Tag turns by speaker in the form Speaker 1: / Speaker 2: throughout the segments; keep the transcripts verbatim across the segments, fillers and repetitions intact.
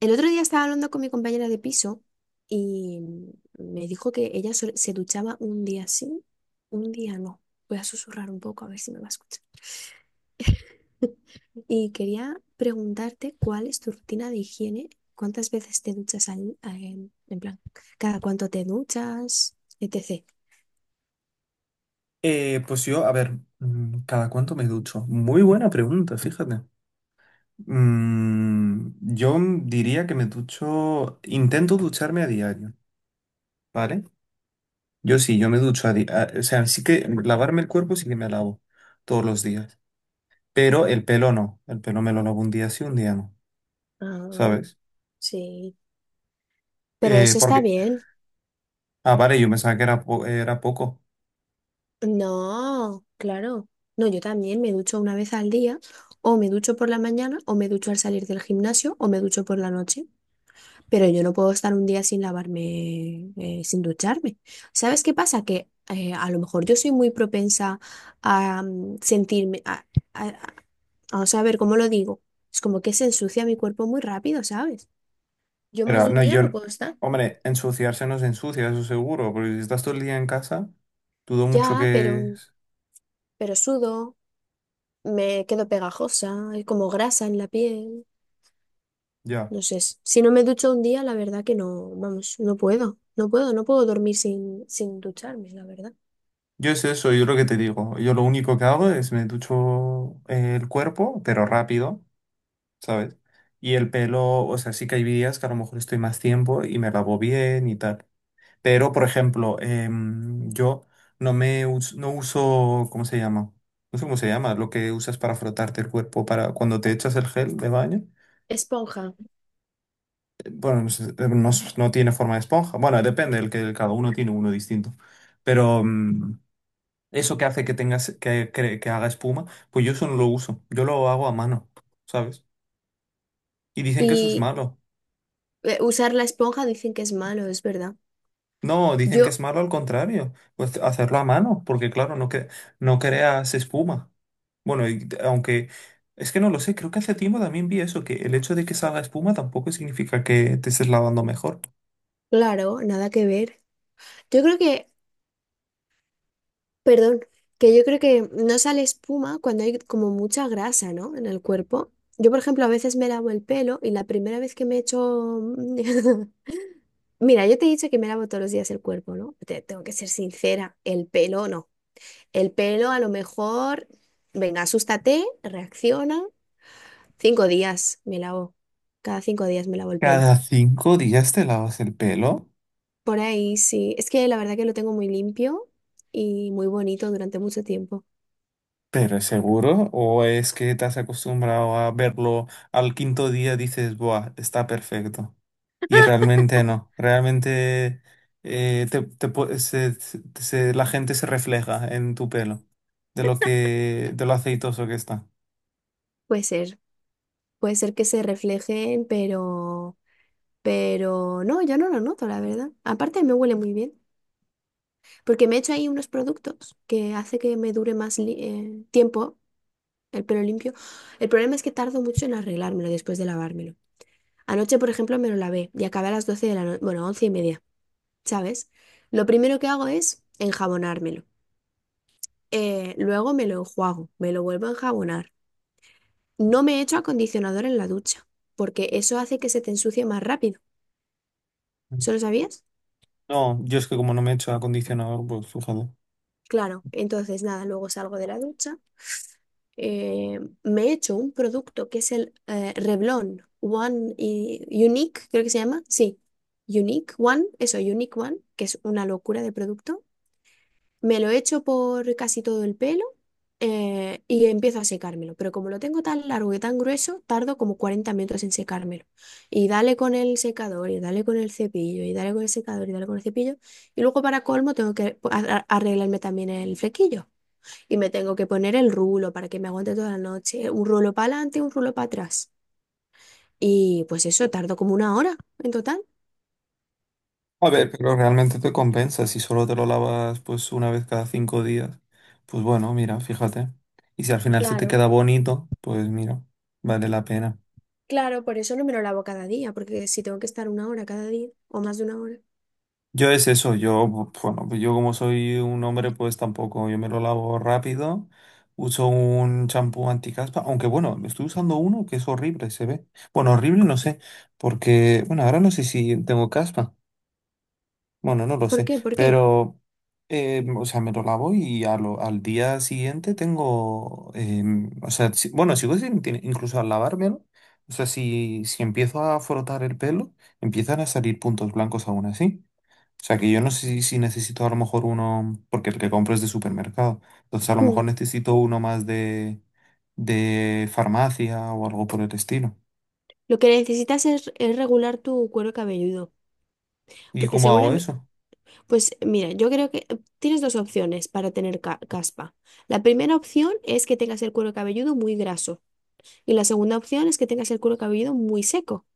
Speaker 1: El otro día estaba hablando con mi compañera de piso y me dijo que ella sol- se duchaba un día sí, un día no. Voy a susurrar un poco a ver si me va a escuchar. Y quería preguntarte cuál es tu rutina de higiene, cuántas veces te duchas al, a- en, en plan, cada cuánto te duchas, etcétera.
Speaker 2: Eh, pues yo, a ver, mm, ¿cada cuánto me ducho? Muy buena pregunta, fíjate. Mm, yo diría que me ducho, intento ducharme a diario, ¿vale? Yo sí, yo me ducho a diario, o sea, sí que lavarme el cuerpo sí que me lavo todos los días, pero el pelo no, el pelo me lo lavo un día sí, un día no,
Speaker 1: Ah,
Speaker 2: ¿sabes?
Speaker 1: sí. Pero
Speaker 2: Eh,
Speaker 1: eso está
Speaker 2: porque,
Speaker 1: bien.
Speaker 2: ah, vale, yo pensaba que era, po- era poco,
Speaker 1: No, claro. No, yo también me ducho una vez al día, o me ducho por la mañana, o me ducho al salir del gimnasio, o me ducho por la noche, pero yo no puedo estar un día sin lavarme, eh, sin ducharme. ¿Sabes qué pasa? Que eh, a lo mejor yo soy muy propensa a mm, sentirme, a, a, a- vamos a ver cómo lo digo. Es como que se ensucia mi cuerpo muy rápido, ¿sabes? Yo más
Speaker 2: pero
Speaker 1: de un
Speaker 2: no,
Speaker 1: día
Speaker 2: yo,
Speaker 1: no
Speaker 2: no-
Speaker 1: puedo estar.
Speaker 2: hombre, ensuciarse no se ensucia, eso seguro, porque si estás todo el día en casa, dudo mucho
Speaker 1: Ya, pero,
Speaker 2: que.
Speaker 1: pero sudo, me quedo pegajosa, hay como grasa en la piel.
Speaker 2: Ya.
Speaker 1: No sé, s- si no me ducho un día, la verdad que no, vamos, no puedo, no puedo, no puedo dormir sin, sin ducharme, la verdad.
Speaker 2: Yo es eso, yo lo que te digo. Yo lo único que hago es me ducho eh, el cuerpo, pero rápido, ¿sabes? Y el pelo, o sea, sí que hay días que a lo mejor estoy más tiempo y me lavo bien y tal. Pero, por ejemplo, em, yo no me us- no uso, ¿cómo se llama? No sé cómo se llama, lo que usas para frotarte el cuerpo para cuando te echas el gel de baño.
Speaker 1: Esponja.
Speaker 2: Eh, Bueno, no sé, eh, no s- no tiene forma de esponja. Bueno, depende, el que cada uno tiene uno distinto. Pero, em, Eso que hace que tengas que, que, que haga espuma, pues yo eso no lo uso. Yo lo hago a mano, ¿sabes? Y dicen que eso es
Speaker 1: Y
Speaker 2: malo.
Speaker 1: eh, usar la esponja dicen que es malo, es verdad.
Speaker 2: No, dicen que es
Speaker 1: Yo,
Speaker 2: malo al contrario. Pues hacerlo a mano, porque claro, no, que, no creas espuma. Bueno, y t- aunque es que no lo sé, creo que hace tiempo también vi eso, que el hecho de que salga espuma tampoco significa que te estés lavando mejor.
Speaker 1: claro, nada que ver. Yo creo que, perdón, que yo creo que no sale espuma cuando hay como mucha grasa, ¿no? En el cuerpo. Yo, por ejemplo, a veces me lavo el pelo y la primera vez que me echo... Mira, yo te he dicho que me lavo todos los días el cuerpo, ¿no? Te tengo que ser sincera, el pelo no. El pelo, a lo mejor, venga, asústate, reacciona. Cinco días me lavo. Cada cinco días me lavo el pelo.
Speaker 2: ¿Cada cinco días te lavas el pelo?
Speaker 1: Por ahí sí. Es que la verdad que lo tengo muy limpio y muy bonito durante mucho tiempo.
Speaker 2: ¿Pero es seguro? ¿O es que te has acostumbrado a verlo al quinto día dices, buah, está perfecto? Y realmente no, realmente eh, te- te pu- se- se- se- la gente se refleja en tu pelo, de lo que, de lo aceitoso que está.
Speaker 1: Puede ser. Puede ser que se reflejen, pero, pero no, yo no lo noto, la verdad. Aparte me huele muy bien, porque me he hecho ahí unos productos que hace que me dure más li- eh, tiempo el pelo limpio. El problema es que tardo mucho en arreglármelo después de lavármelo. Anoche, por ejemplo, me lo lavé y acabé a las doce de la noche, bueno, once y media, ¿sabes? Lo primero que hago es enjabonármelo. Eh, luego me lo enjuago, me lo vuelvo a enjabonar. No me echo acondicionador en la ducha, porque eso hace que se te ensucie más rápido. ¿Eso lo sabías?
Speaker 2: No, yo es que como no me he hecho acondicionador, pues fíjate.
Speaker 1: Claro, entonces nada, luego salgo de la ducha, eh, me echo un producto que es el eh, Revlon One y- Unique, creo que se llama. Sí, Unique One, eso, Unique One, que es una locura de producto. Me lo echo por casi todo el pelo eh, y empiezo a secármelo. Pero como lo tengo tan largo y tan grueso, tardo como cuarenta minutos en secármelo. Y dale con el secador, y dale con el cepillo, y dale con el secador, y dale con el cepillo. Y luego para colmo tengo que po- a- a- arreglarme también el flequillo. Y me tengo que poner el rulo para que me aguante toda la noche. Un rulo para adelante, un rulo para atrás. Y pues eso, tardo como una hora en total.
Speaker 2: A ver, pero realmente te compensa si solo te lo lavas pues una vez cada cinco días. Pues bueno, mira, fíjate. Y si al final se te
Speaker 1: Claro,
Speaker 2: queda bonito, pues mira, vale la pena.
Speaker 1: claro, por eso no me lo lavo cada día, porque si tengo que estar una hora cada día o más de una hora.
Speaker 2: Yo es eso, yo, bu- bueno, pues yo como soy un hombre, pues tampoco, yo me lo lavo rápido, uso un champú anticaspa, aunque bueno, estoy usando uno que es horrible, se ve. Bueno, horrible no sé, porque, bueno, ahora no sé si tengo caspa. Bueno, no lo
Speaker 1: ¿Por
Speaker 2: sé,
Speaker 1: qué? ¿Por qué?
Speaker 2: pero, eh, o sea, me lo lavo y a lo- al día siguiente tengo, em, o sea, si- bueno, sigo sin, tiene- incluso al lavármelo, o sea, si, si empiezo a frotar el pelo, empiezan a salir puntos blancos aún así. O sea, que yo no sé si, si, necesito a lo mejor uno, porque el que compro es de supermercado, entonces a lo mejor
Speaker 1: Mm.
Speaker 2: necesito uno más de, de farmacia o algo por el estilo.
Speaker 1: Lo que necesitas es, es regular tu cuero cabelludo,
Speaker 2: ¿Y
Speaker 1: porque
Speaker 2: cómo hago
Speaker 1: seguramente,
Speaker 2: eso?
Speaker 1: pues mira, yo creo que eh, tienes dos opciones para tener ca- caspa. La primera opción es que tengas el cuero cabelludo muy graso y la segunda opción es que tengas el cuero cabelludo muy seco.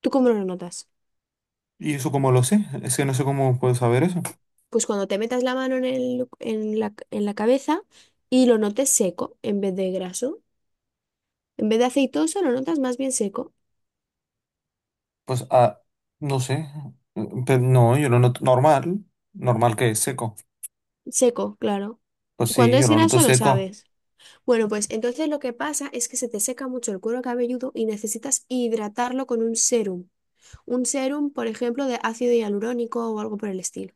Speaker 1: ¿Tú cómo lo notas?
Speaker 2: ¿Y eso cómo lo sé? Es que no sé cómo puedo saber eso.
Speaker 1: Pues cuando te metas la mano en el- en la, en la cabeza y lo notes seco en vez de graso, en vez de aceitoso lo notas más bien seco.
Speaker 2: Pues, ah, no sé. Mm, Pero no, yo lo noto normal. Normal que es seco.
Speaker 1: Seco, claro.
Speaker 2: Pues sí,
Speaker 1: Cuando
Speaker 2: yo
Speaker 1: es
Speaker 2: lo noto
Speaker 1: graso lo
Speaker 2: seco.
Speaker 1: sabes. Bueno, pues entonces lo que pasa es que se te seca mucho el cuero cabelludo y necesitas hidratarlo con un serum. Un serum, por ejemplo, de ácido hialurónico o algo por el estilo.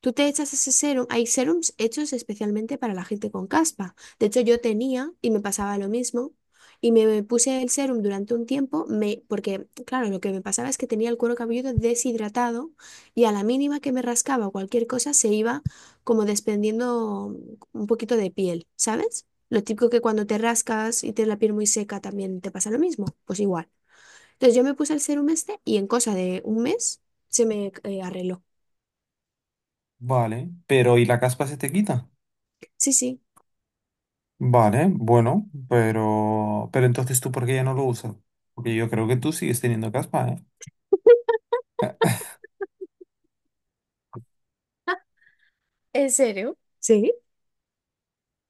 Speaker 1: Tú te echas ese serum. Hay serums hechos especialmente para la gente con caspa. De hecho, yo tenía y me pasaba lo mismo. Y me puse el serum durante un tiempo, me, porque, claro, lo que me pasaba es que tenía el cuero cabelludo deshidratado y a la mínima que me rascaba o cualquier cosa se iba como desprendiendo un poquito de piel, ¿sabes? Lo típico que cuando te rascas y tienes la piel muy seca también te pasa lo mismo, pues igual. Entonces yo me puse el serum este y en cosa de un mes se me eh, arregló.
Speaker 2: Vale. Pero ¿y la caspa se te quita?
Speaker 1: Sí, sí.
Speaker 2: Vale, bueno, pero, pero entonces tú, ¿por qué ya no lo usas? Porque yo creo que tú sigues teniendo caspa, ¿eh?
Speaker 1: ¿En serio? ¿Sí?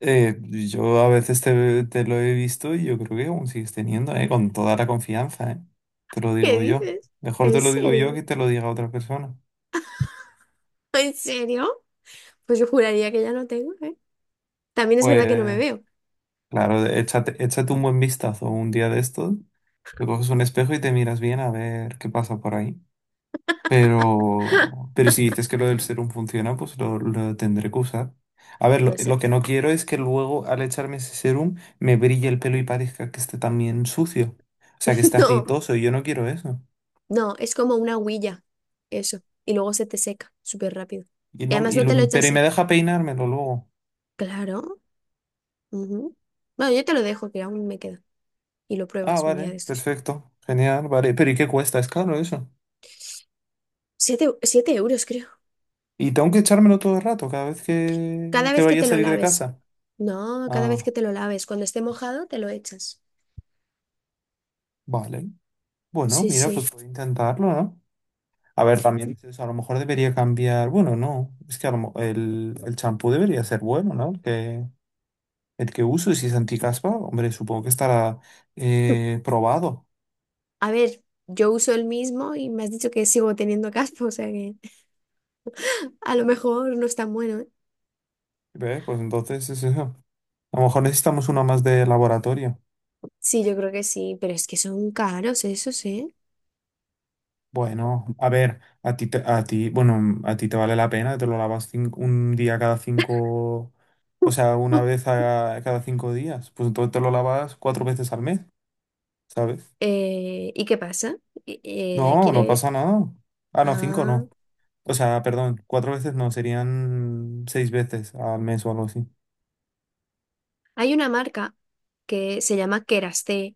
Speaker 2: Eh, yo a veces te, te lo he visto y yo creo que aún sigues teniendo, ¿eh? Con toda la confianza, ¿eh? Te lo
Speaker 1: ¿Qué
Speaker 2: digo yo.
Speaker 1: dices?
Speaker 2: Mejor
Speaker 1: ¿En
Speaker 2: te lo digo yo que
Speaker 1: serio?
Speaker 2: te lo diga otra persona.
Speaker 1: ¿En serio? Pues yo juraría que ya no tengo, ¿eh? También es verdad que no me
Speaker 2: Pues,
Speaker 1: veo.
Speaker 2: claro, échate, échate un buen vistazo un día de estos, te coges un espejo y te miras bien a ver qué pasa por ahí.
Speaker 1: ¡Ja!
Speaker 2: Pero, pero si dices que lo del serum funciona, pues lo, lo tendré que usar. A ver, lo,
Speaker 1: No
Speaker 2: lo
Speaker 1: sé.
Speaker 2: que no quiero es que luego al echarme ese serum me brille el pelo y parezca que esté también sucio. O sea, que esté
Speaker 1: No,
Speaker 2: aceitoso y yo no quiero eso.
Speaker 1: no, es como una huilla. Eso. Y luego se te seca súper rápido.
Speaker 2: Y
Speaker 1: Y
Speaker 2: no,
Speaker 1: además
Speaker 2: y
Speaker 1: no
Speaker 2: lo-
Speaker 1: te lo
Speaker 2: pero y
Speaker 1: echas.
Speaker 2: me deja peinármelo luego.
Speaker 1: Claro. Ujú. Bueno, yo te lo dejo, que aún me queda. Y lo
Speaker 2: Ah,
Speaker 1: pruebas un día
Speaker 2: vale,
Speaker 1: de estos.
Speaker 2: perfecto, genial, vale. Pero ¿y qué cuesta? Es caro eso.
Speaker 1: Siete, siete euros, creo.
Speaker 2: Y tengo que echármelo todo el rato, cada vez que,
Speaker 1: Cada
Speaker 2: que
Speaker 1: vez que
Speaker 2: vaya a
Speaker 1: te lo
Speaker 2: salir de
Speaker 1: laves.
Speaker 2: casa.
Speaker 1: No, cada vez
Speaker 2: Ah,
Speaker 1: que te lo laves. Cuando esté mojado, te lo echas.
Speaker 2: vale. Bueno,
Speaker 1: Sí,
Speaker 2: mira,
Speaker 1: sí.
Speaker 2: pues puedo intentarlo, ¿no? A ver, también dices, a lo mejor debería cambiar. Bueno, no. Es que a lo mo- el, el champú debería ser bueno, ¿no? El que, el que uso, y si es anticaspa, hombre, supongo que estará eh, probado.
Speaker 1: A ver, yo uso el mismo y me has dicho que sigo teniendo caspa, o sea que a lo mejor no es tan bueno, ¿eh?
Speaker 2: ¿Ves? Pues entonces es eso. A lo mejor necesitamos uno más de laboratorio.
Speaker 1: Sí, yo creo que sí, pero es que son caros esos, ¿eh?
Speaker 2: Bueno, a ver, a ti, te- a ti, bueno, a ti te vale la pena, te lo lavas cin- un día cada cinco, o sea, una vez a- cada cinco días. Pues entonces te lo lavas cuatro veces al mes. ¿Sabes?
Speaker 1: Eh, ¿y qué pasa? Eh, eh,
Speaker 2: No, no pasa
Speaker 1: ¿quieres?
Speaker 2: nada. Ah, no, cinco
Speaker 1: Ah,
Speaker 2: no. O sea, perdón, cuatro veces no, serían seis veces al mes o algo así.
Speaker 1: hay una marca que se llama Keraste,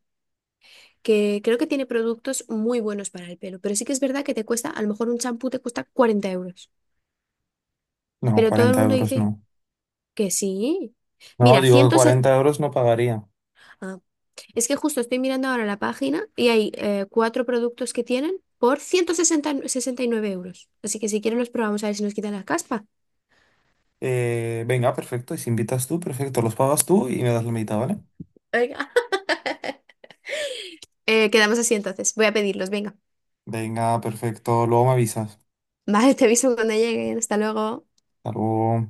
Speaker 1: que creo que tiene productos muy buenos para el pelo, pero sí que es verdad que te cuesta, a lo mejor un champú te cuesta cuarenta euros,
Speaker 2: No,
Speaker 1: pero todo el
Speaker 2: cuarenta
Speaker 1: mundo
Speaker 2: euros
Speaker 1: dice
Speaker 2: no.
Speaker 1: que sí.
Speaker 2: No,
Speaker 1: Mira,
Speaker 2: digo que
Speaker 1: ciento sesenta...
Speaker 2: cuarenta euros no pagaría.
Speaker 1: Es que justo estoy mirando ahora la página y hay eh, cuatro productos que tienen por ciento sesenta y nueve euros. Así que si quieren los probamos a ver si nos quitan la caspa.
Speaker 2: Eh, venga, perfecto. Y si invitas tú, perfecto. Los pagas tú y me das la mitad, ¿vale?
Speaker 1: Venga. Eh, quedamos así entonces. Voy a pedirlos, venga.
Speaker 2: Venga, perfecto. Luego me avisas.
Speaker 1: Vale, te aviso cuando lleguen. Hasta luego.
Speaker 2: Hasta luego.